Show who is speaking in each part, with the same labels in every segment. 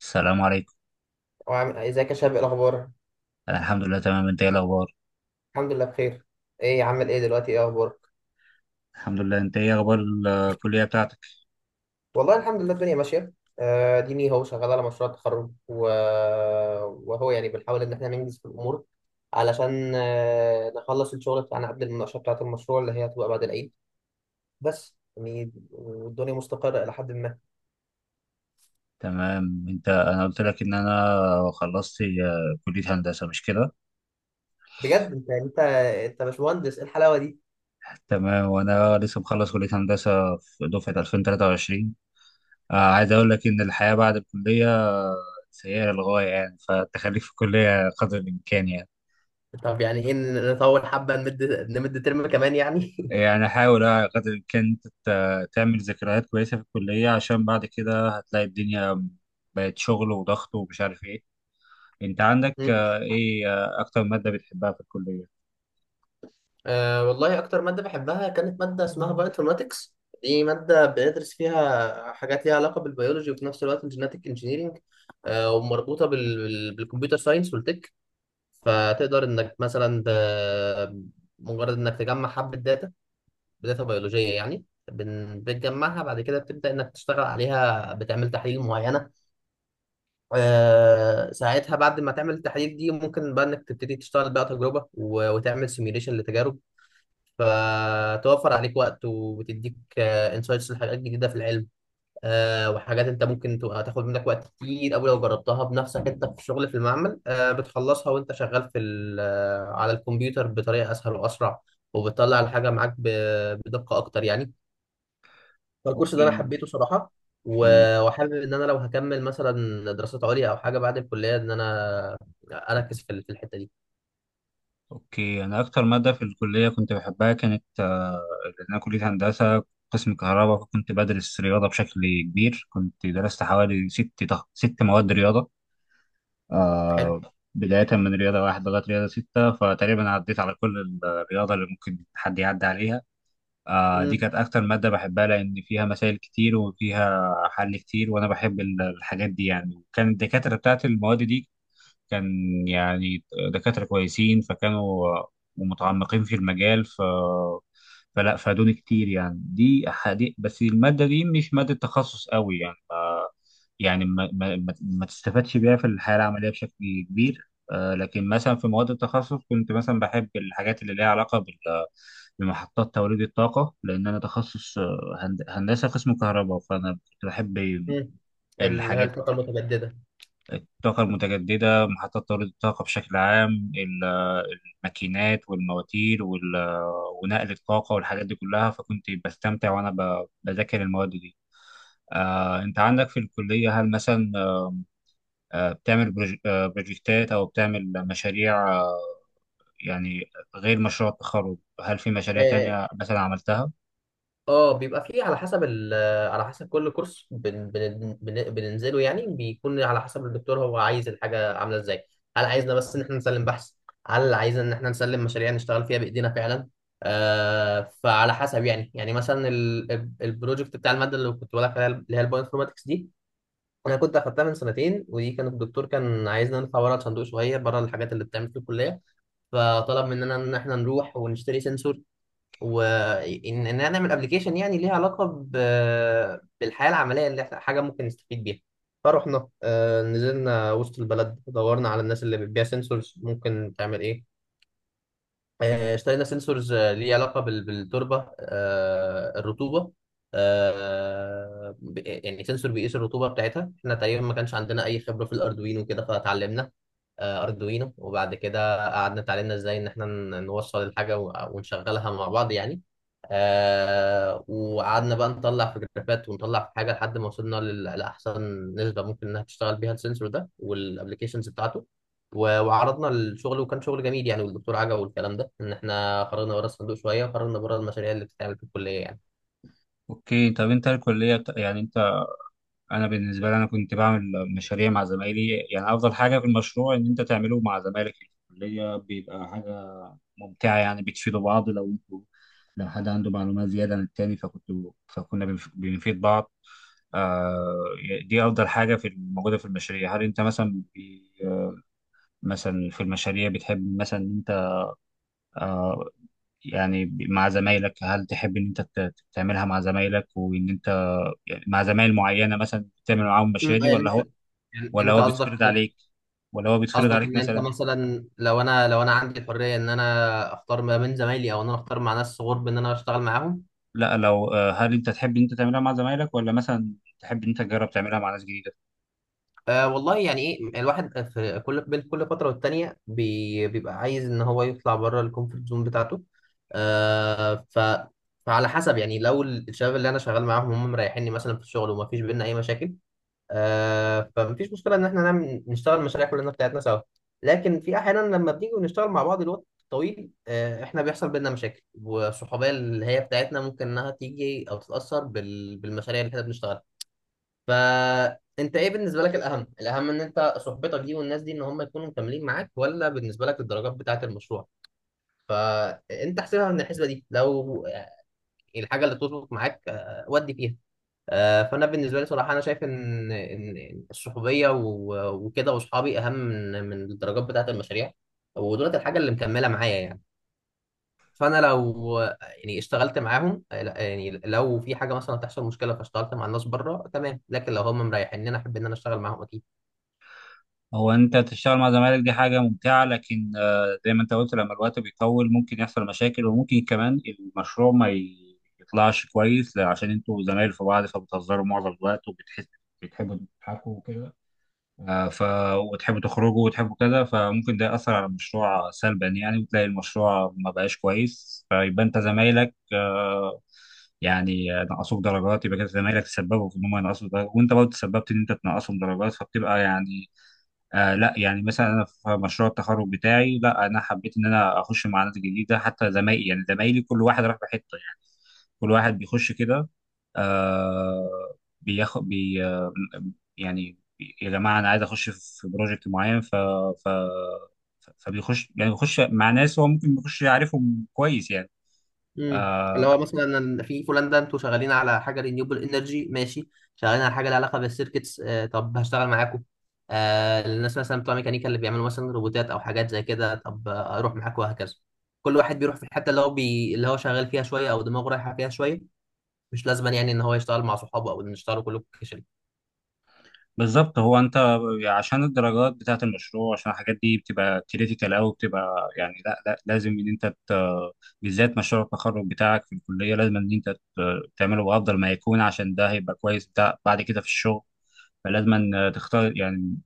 Speaker 1: السلام عليكم.
Speaker 2: وعامل ازيك يا شباب؟ إيه الاخبار؟
Speaker 1: انا الحمد لله تمام، انت ايه الاخبار؟
Speaker 2: الحمد لله بخير. ايه عامل ايه دلوقتي؟ ايه اخبارك؟
Speaker 1: الحمد لله، انت ايه اخبار الكليه بتاعتك؟
Speaker 2: والله الحمد لله الدنيا ماشيه. ديني هو شغال على مشروع التخرج و... وهو يعني بنحاول ان احنا ننجز في الامور، علشان نخلص الشغل بتاعنا قبل المناقشه بتاعه المشروع اللي هي هتبقى بعد العيد. بس يعني والدنيا مستقره الى حد ما.
Speaker 1: تمام. انت انا قلت لك ان انا خلصت كليه هندسه، مش كده؟
Speaker 2: بجد انت انت باشمهندس، ايه الحلاوه دي!
Speaker 1: تمام، وانا لسه مخلص كليه هندسه في دفعه 2023. عايز اقول لك ان الحياه بعد الكليه سيئه للغايه يعني، فالتخليك في الكليه قدر الامكان يعني.
Speaker 2: طب يعني ايه، نطول حبه، نمد ترم كمان يعني.
Speaker 1: يعني حاول قدر الامكان تعمل ذكريات كويسه في الكليه، عشان بعد كده هتلاقي الدنيا بقت شغل وضغط ومش عارف إيه. انت عندك ايه اكتر مادة بتحبها في الكلية؟
Speaker 2: أه والله أكتر مادة بحبها كانت مادة اسمها بايوانفورماتكس. دي مادة بندرس فيها حاجات ليها علاقة بالبيولوجي، وفي نفس الوقت الجيناتيك انجينيرينج. أه ومربوطة بالكمبيوتر ساينس والتك. فتقدر إنك مثلا مجرد إنك تجمع حبة داتا، بداتا بيولوجية يعني. بتجمعها، بعد كده بتبدأ إنك تشتغل عليها، بتعمل تحاليل معينة. أه ساعتها بعد ما تعمل التحاليل دي ممكن بقى إنك تبتدي تشتغل بقى تجربة وتعمل سيميوليشن لتجارب، فتوفر عليك وقت وبتديك انسايتس لحاجات جديده في العلم. وحاجات انت ممكن تبقى تاخد منك وقت كتير قوي لو جربتها بنفسك انت في الشغل في المعمل، بتخلصها وانت شغال في على الكمبيوتر بطريقه اسهل واسرع، وبتطلع الحاجه معاك بدقه اكتر يعني. فالكورس ده انا
Speaker 1: اوكي.
Speaker 2: حبيته صراحه.
Speaker 1: مم.
Speaker 2: و- وحابب ان انا لو هكمل مثلا دراسات عليا او حاجه بعد الكليه ان انا اركز في في الحته دي.
Speaker 1: اوكي، انا اكتر مادة في الكلية كنت بحبها كانت لأن انا كلية هندسة قسم كهرباء، فكنت بدرس رياضة بشكل كبير. كنت درست حوالي ست مواد رياضة.
Speaker 2: حلو.
Speaker 1: آه. بداية من رياضة واحد لغاية رياضة ستة، فتقريبا عديت على كل الرياضة اللي ممكن حد يعدي عليها. دي
Speaker 2: امم.
Speaker 1: كانت أكتر مادة بحبها، لأن فيها مسائل كتير وفيها حل كتير، وأنا بحب الحاجات دي يعني. وكان الدكاترة بتاعت المواد دي كان، يعني، دكاترة كويسين، فكانوا ومتعمقين في المجال، فلا فادوني كتير. يعني دي حديث، بس المادة دي مش مادة تخصص قوي، يعني ما تستفادش بيها في الحياة العملية بشكل كبير. لكن مثلا في مواد التخصص كنت مثلا بحب الحاجات اللي ليها علاقة بمحطات توليد الطاقة، لأن أنا تخصص هندسة قسم كهرباء، فأنا كنت بحب
Speaker 2: امم، اللي هي
Speaker 1: الحاجات.
Speaker 2: الطاقه المتجدده.
Speaker 1: الطاقة المتجددة، محطات توليد الطاقة بشكل عام، الماكينات والمواتير ونقل الطاقة والحاجات دي كلها. فكنت بستمتع وأنا بذاكر المواد دي. أنت عندك في الكلية هل مثلا بتعمل بروجكتات أو بتعمل مشاريع؟ يعني غير مشروع التخرج، هل في مشاريع
Speaker 2: آه،
Speaker 1: تانية مثلا عملتها؟
Speaker 2: اه بيبقى فيه على حسب على حسب كل كورس بن بن بن بننزله، يعني بيكون على حسب الدكتور هو عايز الحاجة عاملة ازاي. هل عايزنا بس ان احنا نسلم بحث، هل عايزنا ان احنا نسلم مشاريع نشتغل فيها بايدينا فعلا. فعلى حسب يعني. مثلا البروجكت بتاع المادة اللي كنت بقول لك عليها، اللي هي البايو انفورماتكس دي، انا كنت اخدتها من سنتين، ودي كان الدكتور كان عايزنا نطلع بره الصندوق شوية، بره الحاجات اللي بتتعمل في الكلية. فطلب مننا ان احنا نروح ونشتري سنسور، وان ان انا اعمل ابلكيشن يعني ليها علاقه بالحياه العمليه، اللي احنا حاجه ممكن نستفيد بيها. فرحنا، نزلنا وسط البلد، دورنا على الناس اللي بتبيع سنسورز ممكن تعمل ايه. اشترينا سنسورز ليه علاقه بالتربه، الرطوبه، يعني سنسور بيقيس الرطوبه بتاعتها. احنا تقريبا ما كانش عندنا اي خبره في الاردوينو وكده، فتعلمنا اردوينو، وبعد كده قعدنا اتعلمنا ازاي ان احنا نوصل الحاجه ونشغلها مع بعض يعني. آه وقعدنا بقى نطلع في جرافات ونطلع في حاجه لحد ما وصلنا لاحسن نسبه ممكن انها تشتغل بيها السنسور ده والابلكيشنز بتاعته. و- وعرضنا الشغل، وكان شغل جميل يعني، والدكتور عجبه والكلام ده، ان احنا خرجنا بره الصندوق شويه وخرجنا بره المشاريع اللي بتتعمل في الكليه يعني.
Speaker 1: أوكي. طب أنت الكلية بت- يعني أنت انا بالنسبه لي انا كنت بعمل مشاريع مع زمايلي. يعني افضل حاجه في المشروع ان انت تعمله مع زمايلك في الكليه، بيبقى حاجه ممتعه يعني. بتفيدوا بعض، لو انتوا، لو حد عنده معلومات زياده عن التاني فكنتوا، بنفيد بعض. آه. دي افضل حاجه في موجوده في المشاريع. هل انت مثلا في المشاريع بتحب مثلا ان انت، آه يعني، مع زمايلك، هل تحب ان انت تعملها مع زمايلك، وان انت، يعني، مع زمايل معينه مثلا تعمل معاهم
Speaker 2: أمم،
Speaker 1: المشاريع دي؟
Speaker 2: يعني انت. يعني
Speaker 1: ولا
Speaker 2: انت
Speaker 1: هو
Speaker 2: قصدك
Speaker 1: بيتفرض عليك ولا هو بيتفرض
Speaker 2: قصدك
Speaker 1: عليك
Speaker 2: ان انت
Speaker 1: مثلا؟
Speaker 2: مثلا، لو انا عندي الحريه ان انا اختار ما بين زمايلي، او ان انا اختار مع ناس غرب ان انا اشتغل معاهم.
Speaker 1: لا، لو هل انت تحب ان انت تعملها مع زمايلك، ولا مثلا تحب ان انت تجرب تعملها مع ناس جديده؟
Speaker 2: آه والله يعني ايه، الواحد في كل بين كل فتره والتانيه بيبقى عايز ان هو يطلع بره الكومفورت زون بتاعته. آه ف فعلى حسب يعني. لو الشباب اللي انا شغال معاهم هم مريحيني مثلا في الشغل وما فيش بينا اي مشاكل، فمفيش مشكله ان احنا نشتغل مشاريع كلنا بتاعتنا سوا. لكن في احيانا لما بنيجي ونشتغل مع بعض الوقت طويل، آه احنا بيحصل بينا مشاكل، والصحوبيه اللي هي بتاعتنا ممكن انها تيجي او تتاثر بالمشاريع اللي احنا بنشتغلها. فانت ايه بالنسبه لك الاهم؟ ان انت صحبتك دي والناس دي ان هم يكونوا مكملين معاك، ولا بالنسبه لك الدرجات بتاعه المشروع؟ فانت احسبها من الحسبه دي. لو الحاجه اللي تظبط معاك، ودي فيها، فانا بالنسبه لي صراحه انا شايف ان الصحوبيه وكده واصحابي اهم من الدرجات بتاعه المشاريع. ودولت الحاجه اللي مكمله معايا يعني. فانا لو يعني اشتغلت معاهم، لا، يعني لو في حاجه مثلا تحصل مشكله، فاشتغلت مع الناس بره تمام. لكن لو هم مريحين ان انا احب ان انا اشتغل معاهم اكيد.
Speaker 1: هو انت تشتغل مع زمايلك دي حاجه ممتعه، لكن زي ما انت قلت لما الوقت بيطول ممكن يحصل مشاكل، وممكن كمان المشروع ما ي- يطلعش كويس، عشان انتوا زمايل في بعض فبتهزروا معظم الوقت، وبتحس بتحبوا تضحكوا وكده. آه، ف وتحبوا تخرجوا وتحبوا كذا، فممكن ده يأثر على المشروع سلبا يعني، وتلاقي المشروع ما بقاش كويس، فيبقى انت زمايلك يعني نقصوك درجات، يبقى كده زمايلك تسببوا في ان هم ينقصوا درجات، وانت برضه تسببت ان انت تنقصهم درجات، فبتبقى يعني. آه، لا، يعني مثلا انا في مشروع التخرج بتاعي، لا انا حبيت ان انا اخش مع ناس جديده، حتى زمايلي، يعني زمايلي كل واحد راح بحته يعني. كل واحد بيخش كده، آه بياخد بي آه يعني يا جماعه انا عايز اخش في بروجكت معين، ف ف فبيخش، يعني بيخش مع ناس هو ممكن بيخش يعرفهم كويس يعني.
Speaker 2: امم، اللي
Speaker 1: آه،
Speaker 2: هو مثلا في بولندا انتوا شغالين على حاجه رينيوبل انرجي، ماشي. شغالين على حاجه لها علاقه بالسيركتس، آه طب هشتغل معاكم. آه الناس مثلا بتوع ميكانيكا اللي بيعملوا مثلا روبوتات او حاجات زي كده، طب اروح معاكم، وهكذا. كل واحد بيروح في الحته اللي هو اللي هو شغال فيها شويه، او دماغه رايحه فيها شويه. مش لازم يعني ان هو يشتغل مع صحابه، او ان يشتغلوا كلكم كشري.
Speaker 1: بالظبط. هو انت عشان الدرجات بتاعت المشروع، عشان الحاجات دي بتبقى كريتيكال قوي، بتبقى يعني لا، لازم ان انت ت...، بالذات مشروع التخرج بتاعك في الكليه لازم ان انت ت... تعمله بافضل ما يكون، عشان ده هيبقى كويس بتاع بعد كده في الشغل. فلازم ان تختار يعني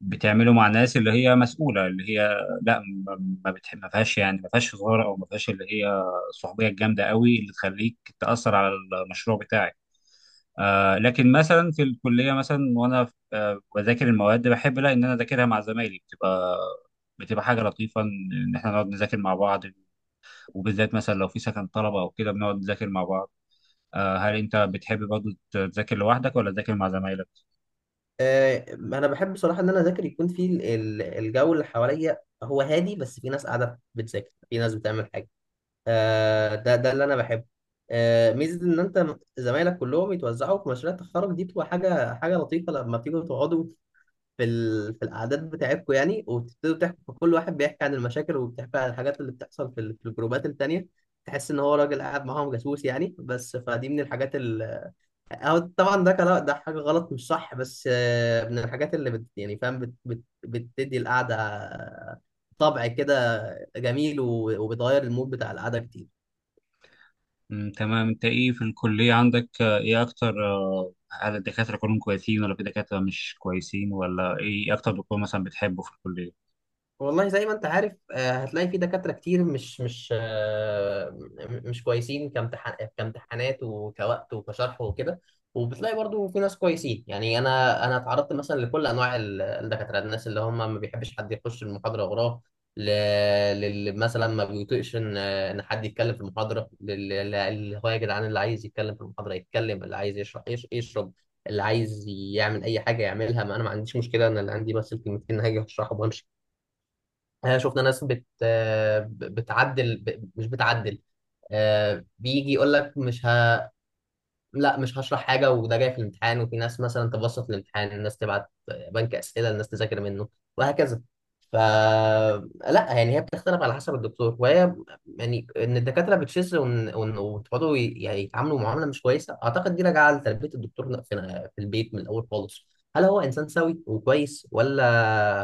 Speaker 1: بتعمله مع ناس اللي هي مسؤوله، اللي هي لا ما ما فيهاش يعني ما فيهاش هزار، او ما فيهاش اللي هي الصحوبيه الجامده قوي اللي تخليك تاثر على المشروع بتاعك. آه، لكن مثلا في الكليه مثلا، وانا بذاكر المواد، بحب لا ان انا اذاكرها مع زمايلي، بتبقى، بتبقى حاجه لطيفه ان إن احنا نقعد نذاكر مع بعض، وبالذات مثلا لو في سكن طلبه او كده بنقعد نذاكر مع بعض. آه، هل انت بتحب برضه تذاكر لوحدك ولا تذاكر مع زمايلك؟
Speaker 2: آه انا بحب بصراحه ان انا اذاكر يكون في الجو اللي حواليا هو هادي، بس في ناس قاعده بتذاكر، في ناس بتعمل حاجه. ده اللي انا بحبه. ميزه ان انت زمايلك كلهم يتوزعوا في مشاريع التخرج دي، بتبقى حاجه لطيفه لما بتيجوا تقعدوا في في القعدات بتاعتكم يعني، وتبتدوا تحكوا، كل واحد بيحكي عن المشاكل وبيحكي عن الحاجات اللي بتحصل في الجروبات التانيه. تحس ان هو راجل قاعد معاهم جاسوس يعني. بس فدي من الحاجات أو طبعا ده كلام، ده حاجه غلط مش صح، بس من الحاجات يعني فاهم، بتدي القعده طبع كده جميل، و... وبتغير المود بتاع القعده كتير.
Speaker 1: مم، تمام. انت ايه في الكليه عندك آه ايه اكتر آه هل الدكاتره كلهم كويسين ولا في دكاتره مش كويسين؟ ولا ايه اكتر دكتور مثلا بتحبه في الكليه؟
Speaker 2: والله زي ما انت عارف، هتلاقي في دكاترة كتير مش مش آه، م- مش كويسين، كامتحان، وكوقت وكشرح وكده. وبتلاقي برضو في ناس كويسين يعني. انا اتعرضت مثلا لكل انواع الدكاترة. الناس اللي هم ما بيحبش حد يخش المحاضرة وراه، ل- للي مثلا ما بيطيقش ان حد يتكلم في المحاضرة، اللي هو يا جدعان اللي عايز يتكلم في المحاضرة يتكلم، اللي عايز يشرح يشرب، اللي عايز يعمل اي حاجة يعملها، ما انا ما عنديش مشكلة، انا اللي عندي بس الكلمتين هاجي اشرحهم وامشي. شفنا ناس بتعدل مش بتعدل. بيجي يقول لك مش ه... لا مش هشرح حاجة، وده جاي في الامتحان. وفي ناس مثلا تبسط الامتحان، الناس تبعت بنك أسئلة، الناس تذاكر منه، وهكذا. لا يعني هي بتختلف على حسب الدكتور. وهي يعني ان الدكاترة بتشذ وتقعدوا يعني يتعاملوا معاملة مش كويسة، أعتقد دي راجعة لتربية الدكتور في في البيت من الأول خالص. هل هو إنسان سوي وكويس، ولا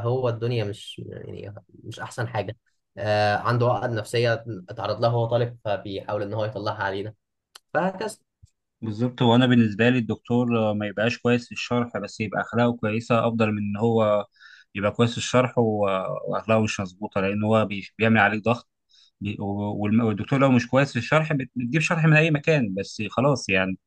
Speaker 2: هو الدنيا مش يعني مش أحسن حاجة. آه عنده عقد نفسية اتعرض لها وهو طالب، فبيحاول إن هو يطلعها علينا، فهكذا.
Speaker 1: بالظبط. هو انا بالنسبه لي الدكتور ما يبقاش كويس في الشرح، بس يبقى اخلاقه كويسه، افضل من ان هو يبقى كويس في الشرح واخلاقه مش مظبوطه، لان هو بيعمل عليك ضغط. والدكتور لو مش كويس في الشرح بتجيب شرح من اي مكان بس خلاص يعني.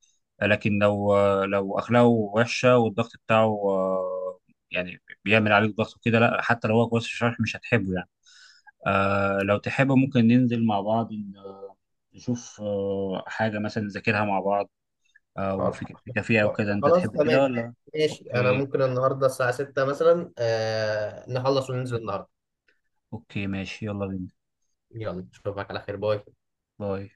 Speaker 1: لكن لو لو اخلاقه وحشه والضغط بتاعه يعني بيعمل عليك ضغط وكده، لا حتى لو هو كويس في الشرح مش هتحبه يعني. آه، لو تحب ممكن ننزل مع بعض نشوف حاجه مثلا نذاكرها مع بعض، وفي في كافيه او كده. انت
Speaker 2: خلاص
Speaker 1: تحب كده
Speaker 2: تمام،
Speaker 1: ولا؟
Speaker 2: ماشي، انا
Speaker 1: اوكي.
Speaker 2: ممكن النهارده الساعه 6 مثلا، نخلص وننزل النهارده.
Speaker 1: اوكي، ماشي، يلا بينا.
Speaker 2: يلا اشوفك على خير، باي.
Speaker 1: باي.